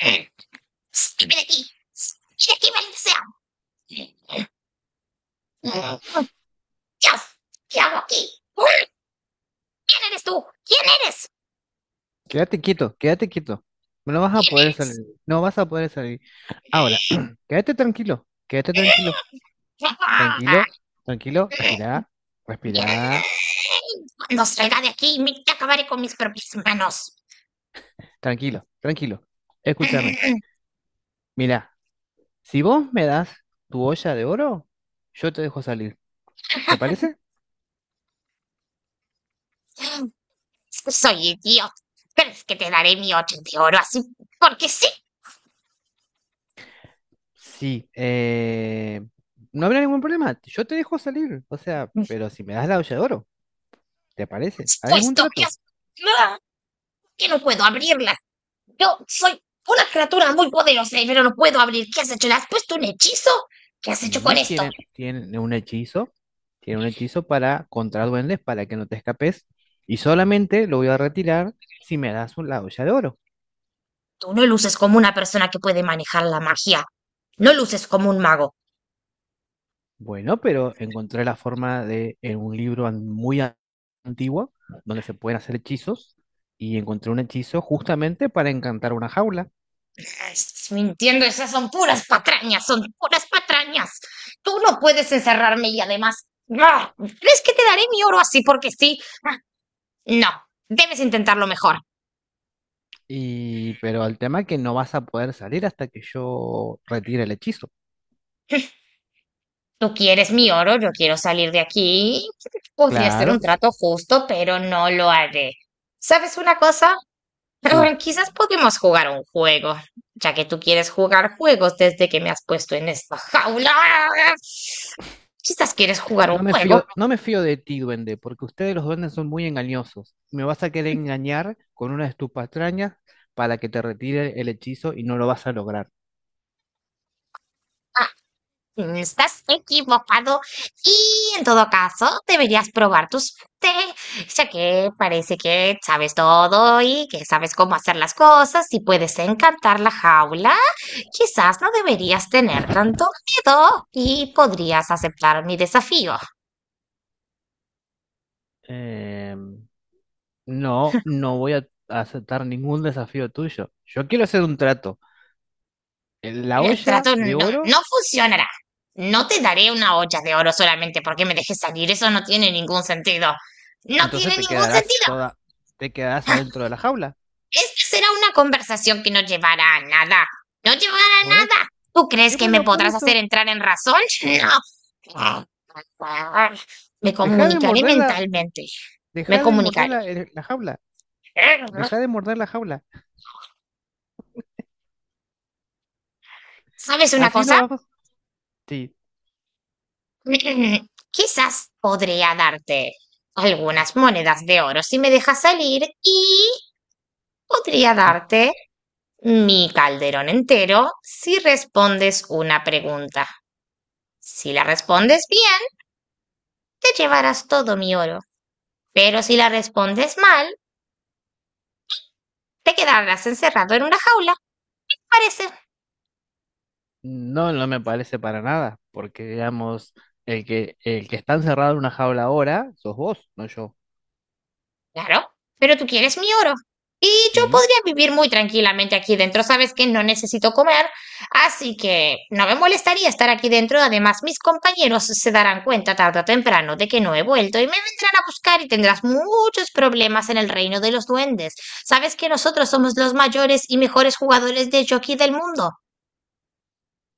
Eh, Ven aquí. Ven aquí, maldita sea. Dios, ¿qué hago aquí? ¿Quién eres tú? ¿Quién eres? Quédate quieto, quédate quieto. No vas a ¿Quién poder eres? salir, no vas a poder salir. Ahora, quédate tranquilo, tranquilo, tranquilo, respirá, respirá, Cuando salga de aquí, te acabaré con mis propias manos. tranquilo, tranquilo. Escúchame, mira, si vos me das tu olla de oro, yo te dejo salir. ¿Te parece? Soy idiota, pero es que te daré mi ocho de oro así, porque sí. Sí, no habrá ningún problema, yo te dejo salir, o sea, pero si me das la olla de oro, ¿te parece? Has Ahí es un puesto que trato. has... que no puedo abrirlas. Yo soy una criatura muy poderosa, pero no puedo abrir. ¿Qué has hecho? ¿Le has puesto un hechizo? ¿Qué has hecho con Sí, esto? Tiene un hechizo. Tiene un hechizo para contra duendes para que no te escapes. Y solamente lo voy a retirar si me das la olla de oro. Tú no luces como una persona que puede manejar la magia. No luces como un mago. Bueno, pero encontré la forma de en un libro muy antiguo donde se pueden hacer hechizos. Y encontré un hechizo justamente para encantar una jaula. Ah, estás mintiendo, esas son puras patrañas, son puras patrañas. Tú no puedes encerrarme y además... ¿Crees que te daré mi oro así porque sí? Ah, no, debes intentarlo mejor. Y pero el tema es que no vas a poder salir hasta que yo retire el hechizo. Tú quieres mi oro, yo quiero salir de aquí. Podría ser Claro, un s- trato justo, pero no lo haré. ¿Sabes una cosa? sí, Quizás podemos jugar un juego, ya que tú quieres jugar juegos desde que me has puesto en esta jaula. Quizás quieres jugar un No me juego. fío, no me fío de ti, duende, porque ustedes los duendes son muy engañosos. Me vas a querer engañar con una de tus patrañas para que te retire el hechizo y no lo vas a lograr. Si no estás equivocado y en todo caso deberías probar tu suerte, ya que parece que sabes todo y que sabes cómo hacer las cosas y puedes encantar la jaula. Quizás no deberías tener tanto miedo y podrías aceptar mi desafío. Em, no, no voy a aceptar ningún desafío tuyo. Yo quiero hacer un trato. En la El olla trato no, de oro, no funcionará. No te daré una olla de oro solamente porque me dejes salir. Eso no tiene ningún sentido. No entonces tiene ningún sentido. Te quedarás adentro de la jaula. Esta será una conversación que no llevará a nada. No llevará Por a eso. nada. ¿Tú Y crees que me bueno, por podrás hacer eso. entrar en razón? No. Me Deja de comunicaré morderla, mentalmente. Me deja de morder comunicaré. La jaula. Deja de morder la jaula. ¿Sabes una Así cosa? no vamos. Sí. Quizás podría darte algunas monedas de oro si me dejas salir y podría darte mi calderón entero si respondes una pregunta. Si la respondes bien, te llevarás todo mi oro. Pero si la respondes mal, te quedarás encerrado en una jaula. Parece. No, no me parece para nada, porque digamos, el que está encerrado en una jaula ahora, sos vos, no yo. Claro, pero tú quieres mi oro. Y yo Sí. podría vivir muy tranquilamente aquí dentro. Sabes que no necesito comer, así que no me molestaría estar aquí dentro. Además, mis compañeros se darán cuenta tarde o temprano de que no he vuelto y me vendrán a buscar y tendrás muchos problemas en el reino de los duendes. Sabes que nosotros somos los mayores y mejores jugadores de jockey del mundo.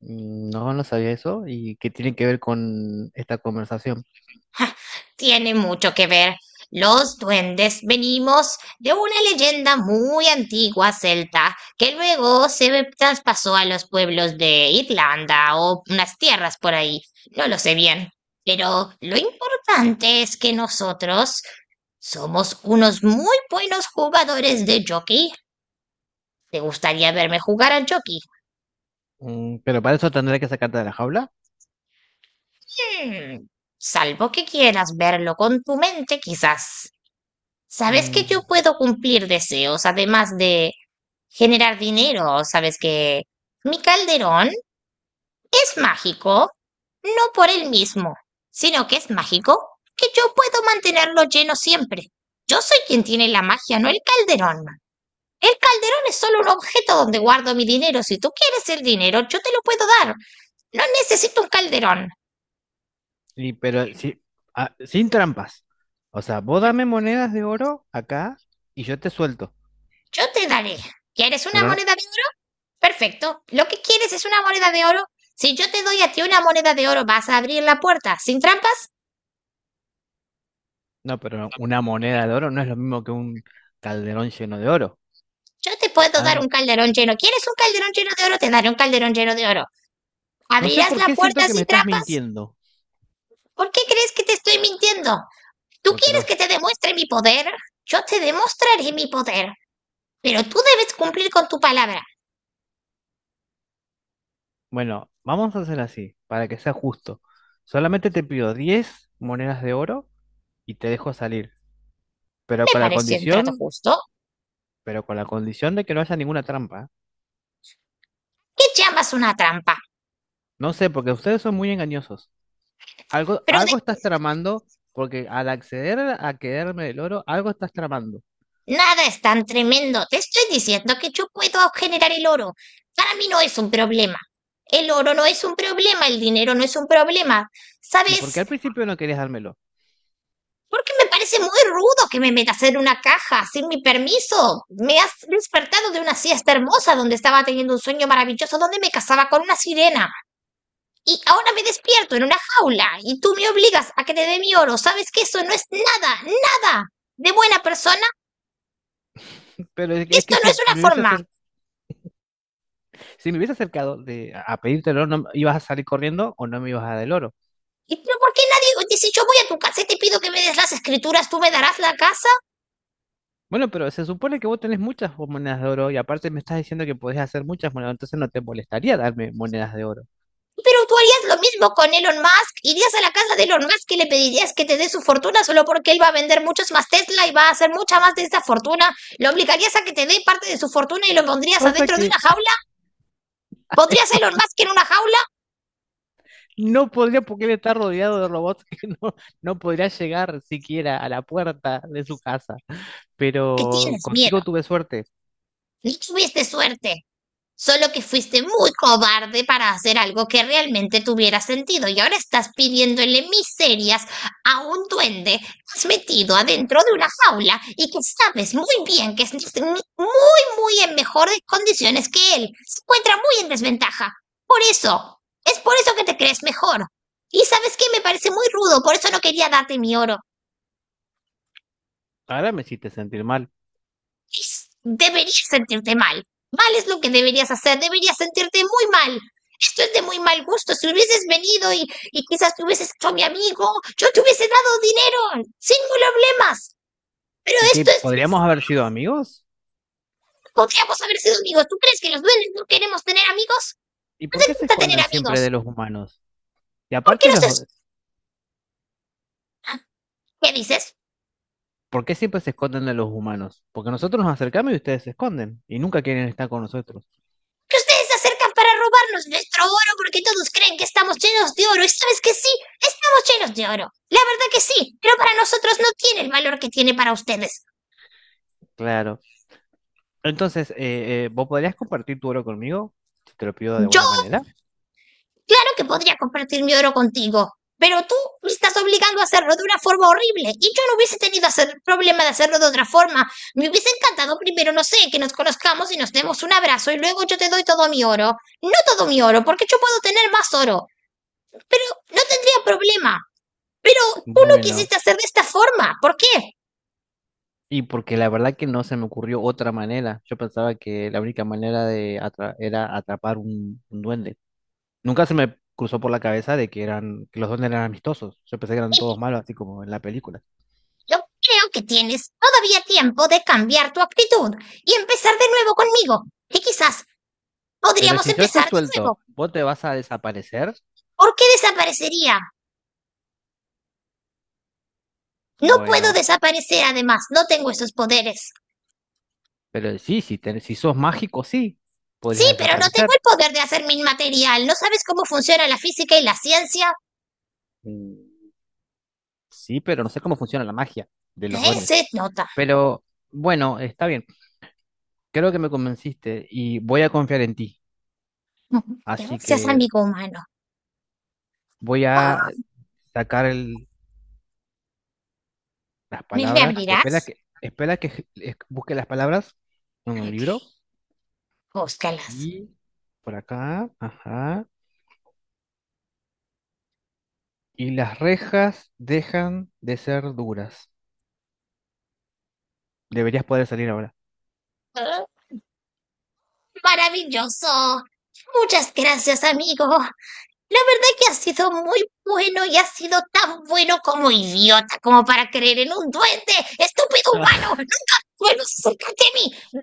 Mm, no, no sabía eso. ¿Y qué tiene que ver con esta conversación? Tiene mucho que ver. Los duendes venimos de una leyenda muy antigua celta que luego se traspasó a los pueblos de Irlanda o unas tierras por ahí. No lo sé bien. Pero lo importante es que nosotros somos unos muy buenos jugadores de jockey. ¿Te gustaría verme jugar al jockey? Mm, pero para eso tendré que sacarte de la jaula. Hmm, salvo que quieras verlo con tu mente, quizás. Sabes que Mm, yo puedo cumplir deseos, además de generar dinero. Sabes que mi calderón es mágico, no por él mismo, sino que es mágico que yo puedo mantenerlo lleno siempre. Yo soy quien tiene la magia, no el calderón. El calderón es solo un objeto donde guardo mi dinero. Si tú quieres el dinero, yo te lo puedo dar. No necesito un calderón. y pero sí, ah, sin trampas. O sea, vos dame monedas de oro acá y yo te suelto. Yo te daré. ¿Quieres una Pero no, moneda de oro? Perfecto. ¿Lo que quieres es una moneda de oro? Si yo te doy a ti una moneda de oro, ¿vas a abrir la puerta sin trampas? no, pero una moneda de oro no es lo mismo que un calderón lleno de oro. Yo te puedo dar un Dame- calderón lleno. ¿Quieres un calderón lleno de oro? Te daré un calderón lleno de oro. no sé ¿Abrirás por la qué siento puerta que me sin estás trampas? mintiendo. ¿Por qué crees que te estoy mintiendo? ¿Tú Porque quieres que los te demuestre mi poder? Yo te demostraré mi poder. Pero tú debes cumplir con tu palabra. Bueno, vamos a hacer así, para que sea justo. Solamente te pido 10 monedas de oro y te dejo salir. Pero Me con la parece un trato condición, justo. pero con la condición de que no haya ninguna trampa. ¿Eh? ¿Qué llamas una trampa? No sé, porque ustedes son muy engañosos. Pero de Algo estás tramando, porque al acceder a quedarme el oro, algo estás tramando. nada es tan tremendo. Te estoy diciendo que yo puedo generar el oro. Para mí no es un problema. El oro no es un problema, el dinero no es un problema. ¿Y por qué ¿Sabes? al principio no querías dármelo? Porque me parece muy rudo que me metas en una caja sin mi permiso. Me has despertado de una siesta hermosa donde estaba teniendo un sueño maravilloso donde me casaba con una sirena. Y ahora me despierto en una jaula y tú me obligas a que te dé mi oro. ¿Sabes que eso no es nada, nada de buena persona? Pero es Esto que no es si una me hubiese forma. Si me hubiese acercado a pedirte el oro, ¿no, ibas a salir corriendo o no me ibas a dar el oro? ¿Y pero por qué nadie dice yo voy a tu casa y te pido que me des las escrituras, tú me darás la casa? Bueno, pero se supone que vos tenés muchas monedas de oro y aparte me estás diciendo que podés hacer muchas monedas, entonces no te molestaría darme monedas de oro. Pero tú harías lo mismo con Elon Musk. Irías a la casa de Elon Musk y le pedirías que te dé su fortuna solo porque él va a vender muchos más Tesla y va a hacer mucha más de esa fortuna. Lo obligarías a que te dé parte de su fortuna y lo pondrías Pasa adentro de que una jaula. a él ¿Pondrías a Elon lo- Musk en una jaula? no podría, porque él está rodeado de robots que no, no podría llegar siquiera a la puerta de su casa. Que Pero tienes miedo. contigo tuve suerte. No tuviste suerte. Solo que fuiste muy cobarde para hacer algo que realmente tuviera sentido y ahora estás pidiéndole miserias a un duende que has metido adentro de una jaula y que sabes muy bien que es muy, muy en mejores condiciones que él. Se encuentra muy en desventaja. Por eso, es por eso que te crees mejor. Y sabes qué, me parece muy rudo, por eso no quería darte mi oro. Ahora me hiciste sentir mal. Deberías sentirte mal. Mal es lo que deberías hacer, deberías sentirte muy mal. Esto es de muy mal gusto. Si hubieses venido y quizás te hubieses hecho mi amigo, yo te hubiese dado dinero, sin problemas. Pero ¿Y que esto es, podríamos es- haber sido amigos? Podríamos haber sido amigos. ¿Tú crees que los duendes no queremos tener amigos? ¿Y por Nos qué se encanta tener esconden siempre de amigos. los humanos? Y ¿Por qué aparte no se... los, ¿Qué dices? ¿Por qué siempre se esconden de los humanos? Porque nosotros nos acercamos y ustedes se esconden y nunca quieren estar con nosotros. Que ustedes se acercan para robarnos nuestro oro porque todos creen que estamos llenos de oro. ¿Y sabes que sí? Estamos llenos de oro. La verdad que sí, pero para nosotros no tiene el valor que tiene para ustedes. Claro. Entonces, ¿vos podrías compartir tu oro conmigo? Si te lo pido de Yo, buena manera. claro que podría compartir mi oro contigo, pero tú me estás obligando a hacerlo de una forma horrible y yo no hubiese tenido hacer problema de hacerlo de otra forma. Me hubiese encantado primero, no sé, que nos conozcamos y nos demos un abrazo y luego yo te doy todo mi oro. No todo mi oro, porque yo puedo tener más oro. Pero no tendría problema. Pero tú lo Bueno, quisiste hacer de esta forma. ¿Por qué? y porque la verdad que no se me ocurrió otra manera. Yo pensaba que la única manera de era atrapar un duende. Nunca se me cruzó por la cabeza de que eran, que los duendes eran amistosos. Yo pensé que eran todos Y malos, así como en la película. yo creo que tienes todavía tiempo de cambiar tu actitud y empezar de nuevo conmigo. Y quizás Pero podríamos si yo te empezar de suelto, nuevo. ¿vos te vas a desaparecer? ¿Por qué desaparecería? No puedo Bueno, desaparecer además, no tengo esos poderes. pero sí, si sos mágico, sí, Sí, podrías pero no tengo desaparecer. el poder de hacerme inmaterial. ¿No sabes cómo funciona la física y la ciencia? Mm, sí, pero no sé cómo funciona la magia de los duendes. Se nota. Pero bueno, está bien. Creo que me convenciste y voy a confiar en ti. Así Seas que amigo humano. voy Ah, a sacar el- las ¿me palabras. abrirás? Espera que busque las palabras en el Ok, libro. búscalas. Aquí, por acá, ajá. Y las rejas dejan de ser duras. Deberías poder salir ahora. Ah, maravilloso. Muchas gracias, amigo. La verdad que ha sido muy bueno y ha sido tan bueno como idiota como para creer en un duende. Estúpido humano. Nunca vuelvas a mí.